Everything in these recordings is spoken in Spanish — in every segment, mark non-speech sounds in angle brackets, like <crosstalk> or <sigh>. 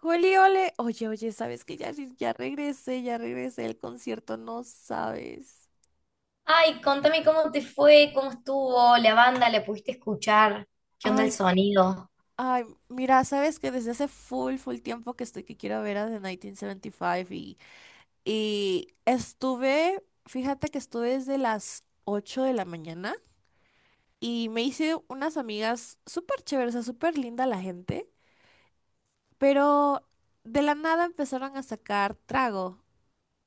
Juli, ole. Oye, oye, ¿sabes que ya regresé del concierto? No sabes. Ay, contame cómo te fue, cómo estuvo la banda, la pudiste escuchar, qué onda Ay, el s- sonido. ay, mira, ¿sabes que desde hace full, full tiempo que estoy que quiero ver a The 1975 y, cinco y y estuve, fíjate que estuve desde las 8 de la mañana y me hice unas amigas súper chéveres, o sea, súper linda la gente, pero de la nada empezaron a sacar trago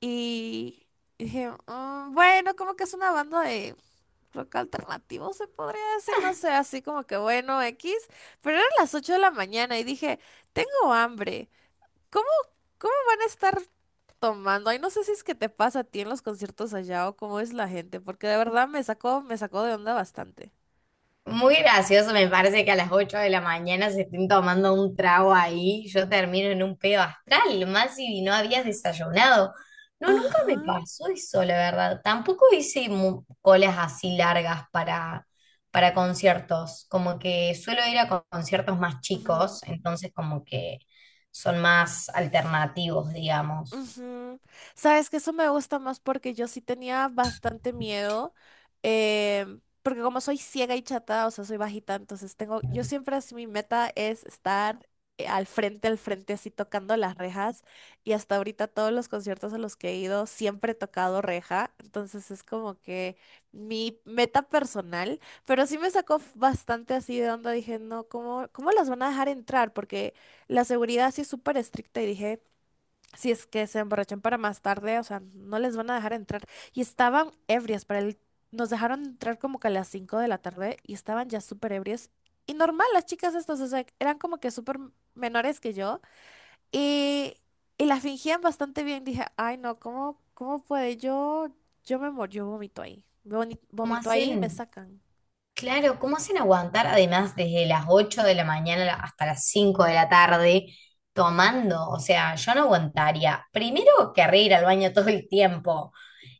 y dije, "Mm, bueno, como que es una banda de rock alternativo, se podría decir, no sé, así como que bueno, X, pero eran las 8 de la mañana y dije, tengo hambre, ¿cómo, cómo van a estar tomando? Ay, no sé si es que te pasa a ti en los conciertos allá o cómo es la gente, porque de verdad me sacó de onda bastante. Muy gracioso, me parece que a las 8 de la mañana se estén tomando un trago ahí, yo termino en un pedo astral, más si no habías desayunado. No, nunca Ajá. me pasó eso, la verdad. Tampoco hice colas así largas para conciertos, como que suelo ir a conciertos más chicos, entonces como que son más alternativos, digamos. Ujú. Sabes que eso me gusta más porque yo sí tenía bastante miedo, porque como soy ciega y chata, o sea, soy bajita, entonces yo siempre así mi meta es estar al frente, así tocando las rejas, y hasta ahorita todos los conciertos a los que he ido siempre he tocado reja, entonces es como que mi meta personal, pero sí me sacó f- bastante así de onda, dije, no, ¿cómo las van a dejar entrar? Porque la seguridad sí es súper estricta y dije... Si es que se emborrachan para más tarde, o sea, no les van a dejar entrar. Y estaban ebrias para el... Nos dejaron entrar como que a las 5 de la tarde y estaban ya súper ebrias. Y normal, las chicas estas, o sea, eran como que súper menores que yo. Y, y la fingían bastante bien. Dije, ay, no, ¿cómo puede? Yo vomito ahí. ¿Cómo Vomito ahí y me hacen? sacan. Claro, ¿cómo hacen aguantar además desde las 8 de la mañana hasta las 5 de la tarde tomando? O sea, yo no aguantaría. Primero, querré ir al baño todo el tiempo.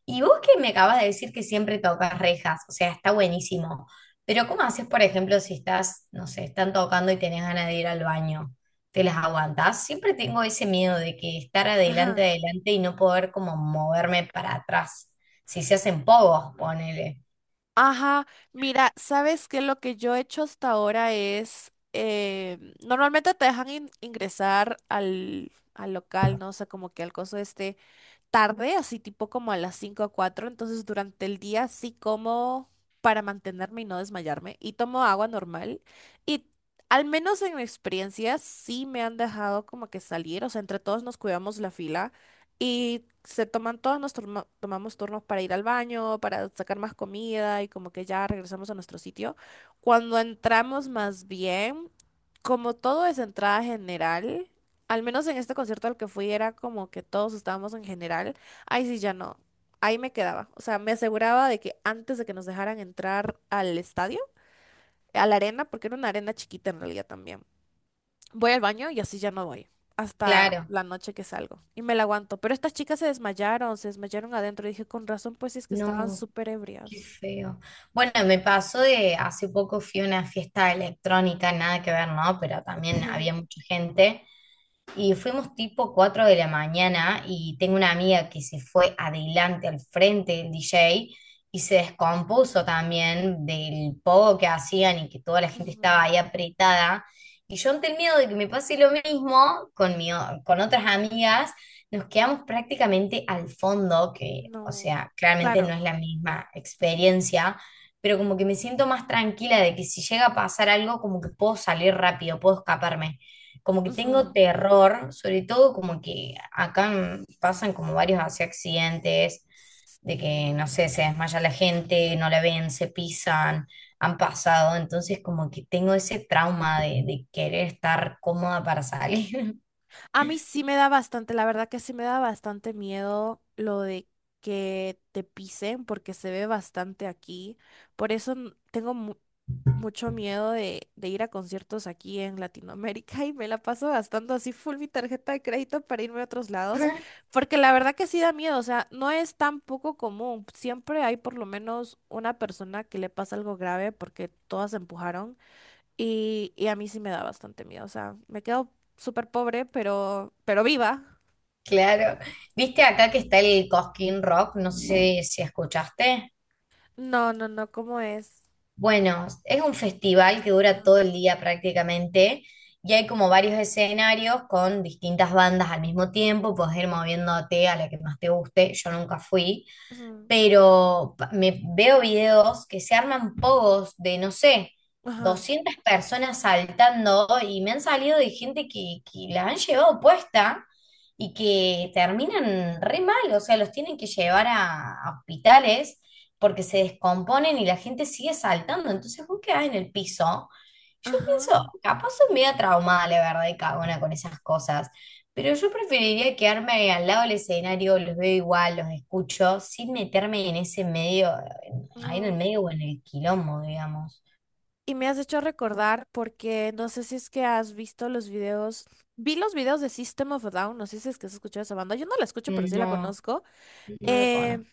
Y vos que me acabas de decir que siempre tocas rejas, o sea, está buenísimo. Pero ¿cómo haces, por ejemplo, si estás, no sé, están tocando y tenés ganas de ir al baño? ¿Te las aguantás? Siempre tengo ese miedo de que estar adelante, Ajá. adelante y no poder como moverme para atrás. Si se hacen pogos, ponele. Ajá, mira, ¿sabes qué? Lo que yo he hecho hasta ahora es, normalmente te dejan ingresar al local, ¿no? O sea, como que al coso este, tarde, así tipo como a las 5 o cuatro, entonces durante el día sí como para mantenerme y no desmayarme y tomo agua normal y al menos en mi experiencia sí me han dejado como que salir, o sea, entre todos nos cuidamos la fila y se toman todos, tomamos turnos para ir al baño, para sacar más comida y como que ya regresamos a nuestro sitio. Cuando entramos más bien, como todo es entrada general, al menos en este concierto al que fui era como que todos estábamos en general. Ahí sí ya no. Ahí me quedaba. O sea, me aseguraba de que antes de que nos dejaran entrar al estadio, a la arena, porque era una arena chiquita en realidad también. Voy al baño y así ya no voy. Hasta Claro. la noche que salgo. Y me la aguanto. Pero estas chicas se desmayaron adentro. Y dije, con razón, pues es que estaban No. súper Qué ebrias. feo. Bueno, me pasó de hace poco fui a una fiesta electrónica, nada que ver, ¿no? Pero también había <laughs> mucha gente y fuimos tipo 4 de la mañana y tengo una amiga que se fue adelante al frente del DJ y se descompuso también del poco que hacían y que toda la gente estaba ahí Ujú, apretada. Y yo ante el miedo de que me pase lo mismo con con otras amigas, nos quedamos prácticamente al fondo, que o no. sea, claramente no Claro. es la misma Ujú, experiencia, pero como que me siento más tranquila de que si llega a pasar algo, como que puedo salir rápido, puedo escaparme como que tengo ujú. terror, sobre todo como que acá pasan como varios así accidentes, de que, Sí. no sé, se desmaya la gente, no la ven, se pisan, han pasado, entonces como que tengo ese trauma de querer estar cómoda para salir. A mí sí me da bastante, la verdad que sí me da bastante miedo lo de que te pisen porque se ve bastante aquí. Por eso tengo mucho miedo de ir a conciertos aquí en Latinoamérica <laughs> y me la paso gastando así full mi tarjeta de crédito para irme a otros lados. <laughs> Porque la verdad que sí da miedo, o sea, no es tan poco común. Siempre hay por lo menos una persona que le pasa algo grave porque todas se empujaron. Y a mí sí me da bastante miedo. O sea, me quedo súper pobre, pero viva. Claro. ¿Viste acá que está el Cosquín Rock? No sé si escuchaste. No, no, no, ¿cómo es? Bueno, es un festival que dura todo Ajá, el día prácticamente y hay como varios escenarios con distintas bandas al mismo tiempo, puedes ir moviéndote a la que más te guste, yo nunca fui, ujú, pero me veo videos que se arman pogos de, no sé, ajá, 200 personas saltando y me han salido de gente que la han llevado puesta y que terminan re mal, o sea, los tienen que llevar a hospitales porque se descomponen y la gente sigue saltando, entonces vos quedás en el piso. Yo ajá, pienso, capaz soy media traumada, la verdad, y cagona con esas cosas. Pero yo preferiría quedarme al lado del escenario, los veo igual, los escucho, sin meterme en ese medio, ahí en el ujú. medio o en el quilombo, digamos. Y me has hecho recordar porque no sé si es que has visto los videos. Vi los videos de System of a Down. No sé si es que has escuchado esa banda. Yo no la escucho, pero sí la No, conozco. no lo Eh, conozco.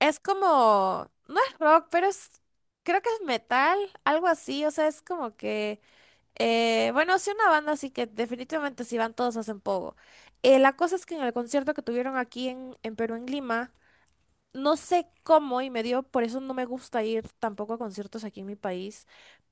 es como. No es rock, pero es. Creo que es metal, algo así. O sea, es como que. Bueno, sí, una banda, así que definitivamente si van todos hacen poco. La cosa es que en el concierto que tuvieron aquí en Perú, en Lima, no sé cómo y me dio, por eso no me gusta ir tampoco a conciertos aquí en mi país,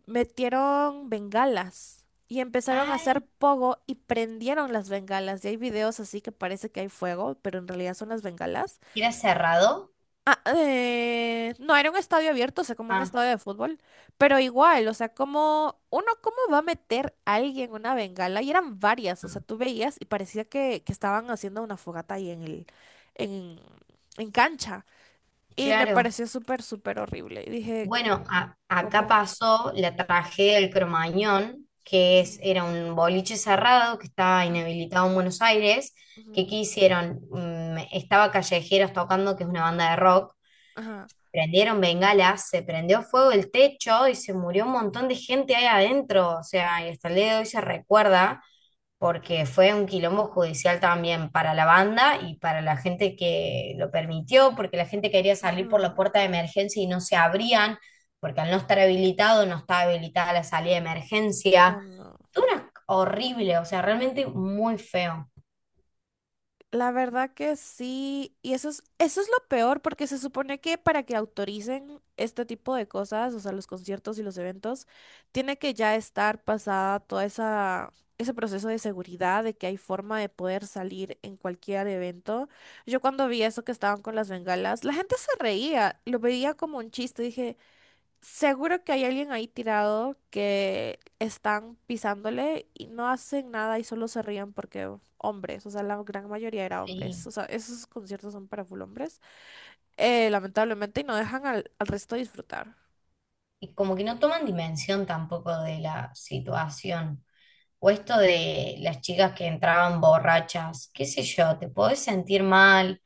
metieron bengalas y empezaron a Ay, hacer pogo y prendieron las bengalas. Y hay videos así que parece que hay fuego, pero en realidad son las bengalas. ¿era cerrado? Ah, no era un estadio abierto, o sea, como un Ah, estadio de fútbol, pero igual, o sea, como uno, ¿cómo va a meter a alguien una bengala? Y eran varias, o sea, tú veías y parecía que estaban haciendo una fogata ahí en, en cancha. Y me claro. pareció súper, súper horrible. Y dije, Bueno, acá ¿cómo? pasó la tragedia del Cromañón, que es, Ujú, era un boliche cerrado que estaba inhabilitado en Buenos Aires, que ujú, ¿qué hicieron? Estaba Callejeros tocando, que es una banda de rock. ajá, Prendieron bengalas, se prendió fuego el techo y se murió un montón de gente ahí adentro. O sea, y hasta el día de hoy se recuerda porque fue un quilombo judicial también para la banda y para la gente que lo permitió, porque la gente quería salir por la ujú, puerta de emergencia y no se abrían, porque al no estar habilitado no estaba habilitada la salida de oh, emergencia. no. Todo una horrible, o sea, realmente muy feo. La verdad que sí, y eso es lo peor, porque se supone que para que autoricen este tipo de cosas, o sea, los conciertos y los eventos, tiene que ya estar pasada ese proceso de seguridad, de que hay forma de poder salir en cualquier evento. Yo cuando vi eso que estaban con las bengalas, la gente se reía, lo veía como un chiste, dije, seguro que hay alguien ahí tirado que están pisándole y no hacen nada y solo se ríen porque hombres, o sea, la gran mayoría era hombres, Sí. o sea, esos conciertos son para full hombres, lamentablemente, y no dejan al resto disfrutar. Y como que no toman dimensión tampoco de la situación. O esto de las chicas que entraban borrachas, qué sé yo, te podés sentir mal.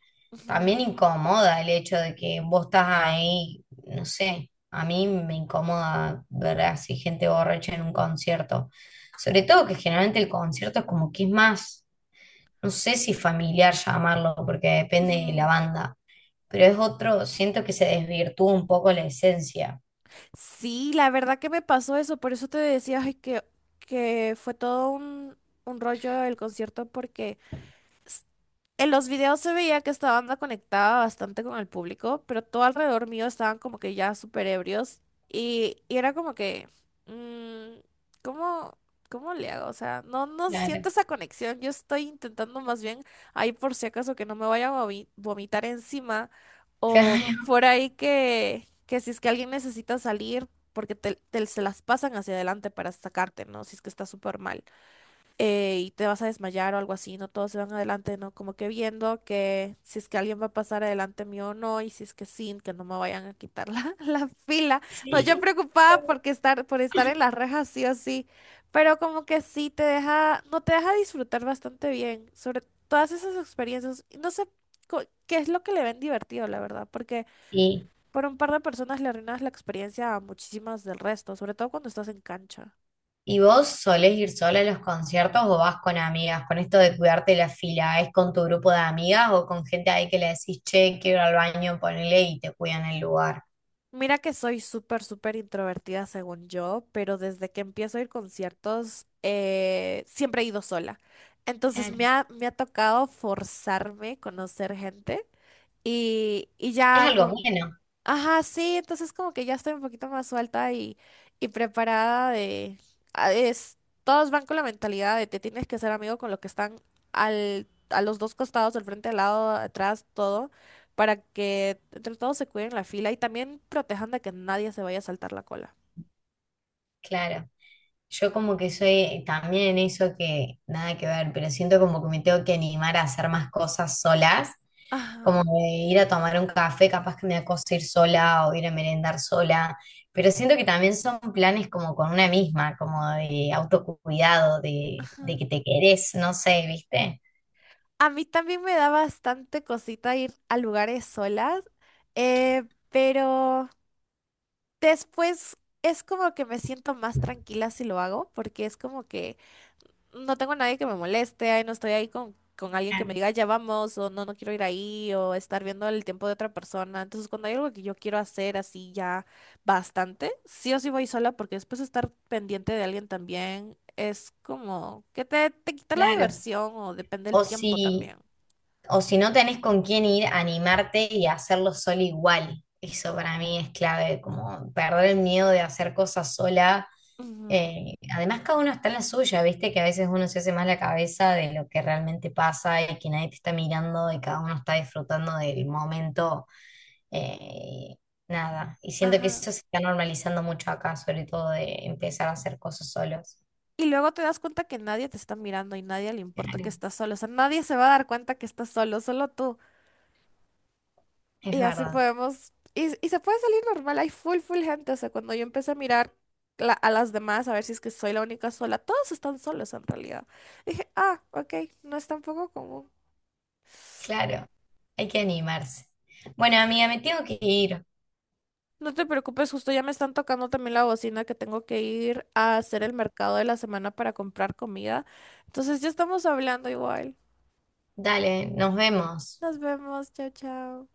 También Ujú, incomoda el hecho de que vos estás ahí, no sé, a mí me incomoda ver así gente borracha en un concierto. Sobre todo que generalmente el concierto es como que es más, no sé si familiar llamarlo, porque depende de la ujú. banda, pero es otro, siento que se desvirtúa un poco la esencia. Sí, la verdad que me pasó eso, por eso te decía ay, que fue todo un rollo el concierto porque... En los videos se veía que esta banda conectaba bastante con el público, pero todo alrededor mío estaban como que ya súper ebrios y era como que, mm, ¿cómo, cómo le hago? O sea, no, no siento Claro. esa conexión. Yo estoy intentando más bien, ahí por si acaso, que no me vaya a vomitar encima o por <laughs> ahí que si es que alguien necesita salir, porque se las pasan hacia adelante para sacarte, ¿no? Si es que está súper mal y te vas a desmayar o algo así, ¿no? Todos se van adelante, ¿no? Como que viendo que si es que alguien va a pasar adelante mío o no, y si es que sí, que no me vayan a quitar la, <laughs> la fila. Claro, No, yo sí. preocupada porque por estar en las rejas sí o sí, pero como que sí te deja, no te deja disfrutar bastante bien sobre todas esas experiencias. Y no sé qué es lo que le ven divertido, la verdad, porque Sí, por un par de personas le arruinas la experiencia a muchísimas del resto, sobre todo cuando estás en cancha. ¿y vos solés ir sola a los conciertos o vas con amigas? Con esto de cuidarte la fila, ¿es con tu grupo de amigas o con gente ahí que le decís, che, quiero ir al baño, ponele y te cuidan el lugar? Mira que soy súper, súper introvertida según yo, pero desde que empiezo a ir a conciertos siempre he ido sola. Entonces Claro. Me ha tocado forzarme a conocer gente y Es ya algo bueno, ajá, sí, entonces como que ya estoy un poquito más suelta y preparada de... Es, todos van con la mentalidad de te tienes que ser amigo con los que están a los dos costados, del frente, al lado, atrás, todo, para que entre todos se cuiden la fila y también protejan de que nadie se vaya a saltar la cola. claro. Yo como que soy también en eso que nada que ver, pero siento como que me tengo que animar a hacer más cosas solas como Ajá, de ir a tomar un café, capaz que me da cosa ir sola o ir a merendar sola, pero siento que también son planes como con una misma, como de autocuidado, de ajá. que te querés, no sé, ¿viste? A mí también me da bastante cosita ir a lugares solas, eh, pero... Después es como que me siento más tranquila si lo hago, porque es como que no tengo a nadie que me moleste, ay, no estoy ahí con alguien que me Claro, diga ya vamos, o no, no quiero ir ahí, o estar viendo el tiempo de otra persona. Entonces, cuando hay algo que yo quiero hacer así ya bastante, sí o sí voy sola, porque después estar pendiente de alguien también es como que te quita la claro. diversión, o depende del O tiempo si, también. O si no tenés con quién ir, animarte y hacerlo sola igual. Eso para mí es clave, como perder el miedo de hacer cosas sola. Ujú, Además, cada uno está en la suya, viste que a veces uno se hace más la cabeza de lo que realmente pasa y que nadie te está mirando y cada uno está disfrutando del momento. Eh, nada, y siento que ajá. eso se está normalizando mucho acá, sobre todo de empezar a hacer cosas solos. Y luego te das cuenta que nadie te está mirando y nadie le importa que Claro, estás solo. O sea, nadie se va a dar cuenta que estás solo, solo tú. es Y así verdad. podemos. Y se puede salir normal. Hay full, full gente. O sea, cuando yo empecé a mirar a las demás, a ver si es que soy la única sola, todos están solos en realidad. Dije, ah, ok, no es tampoco común. Claro, hay que animarse. Bueno, amiga, me tengo que ir. No te preocupes, justo ya me están tocando también la bocina que tengo que ir a hacer el mercado de la semana para comprar comida. Entonces ya estamos hablando igual. Dale, nos vemos. Nos vemos, chao, chao.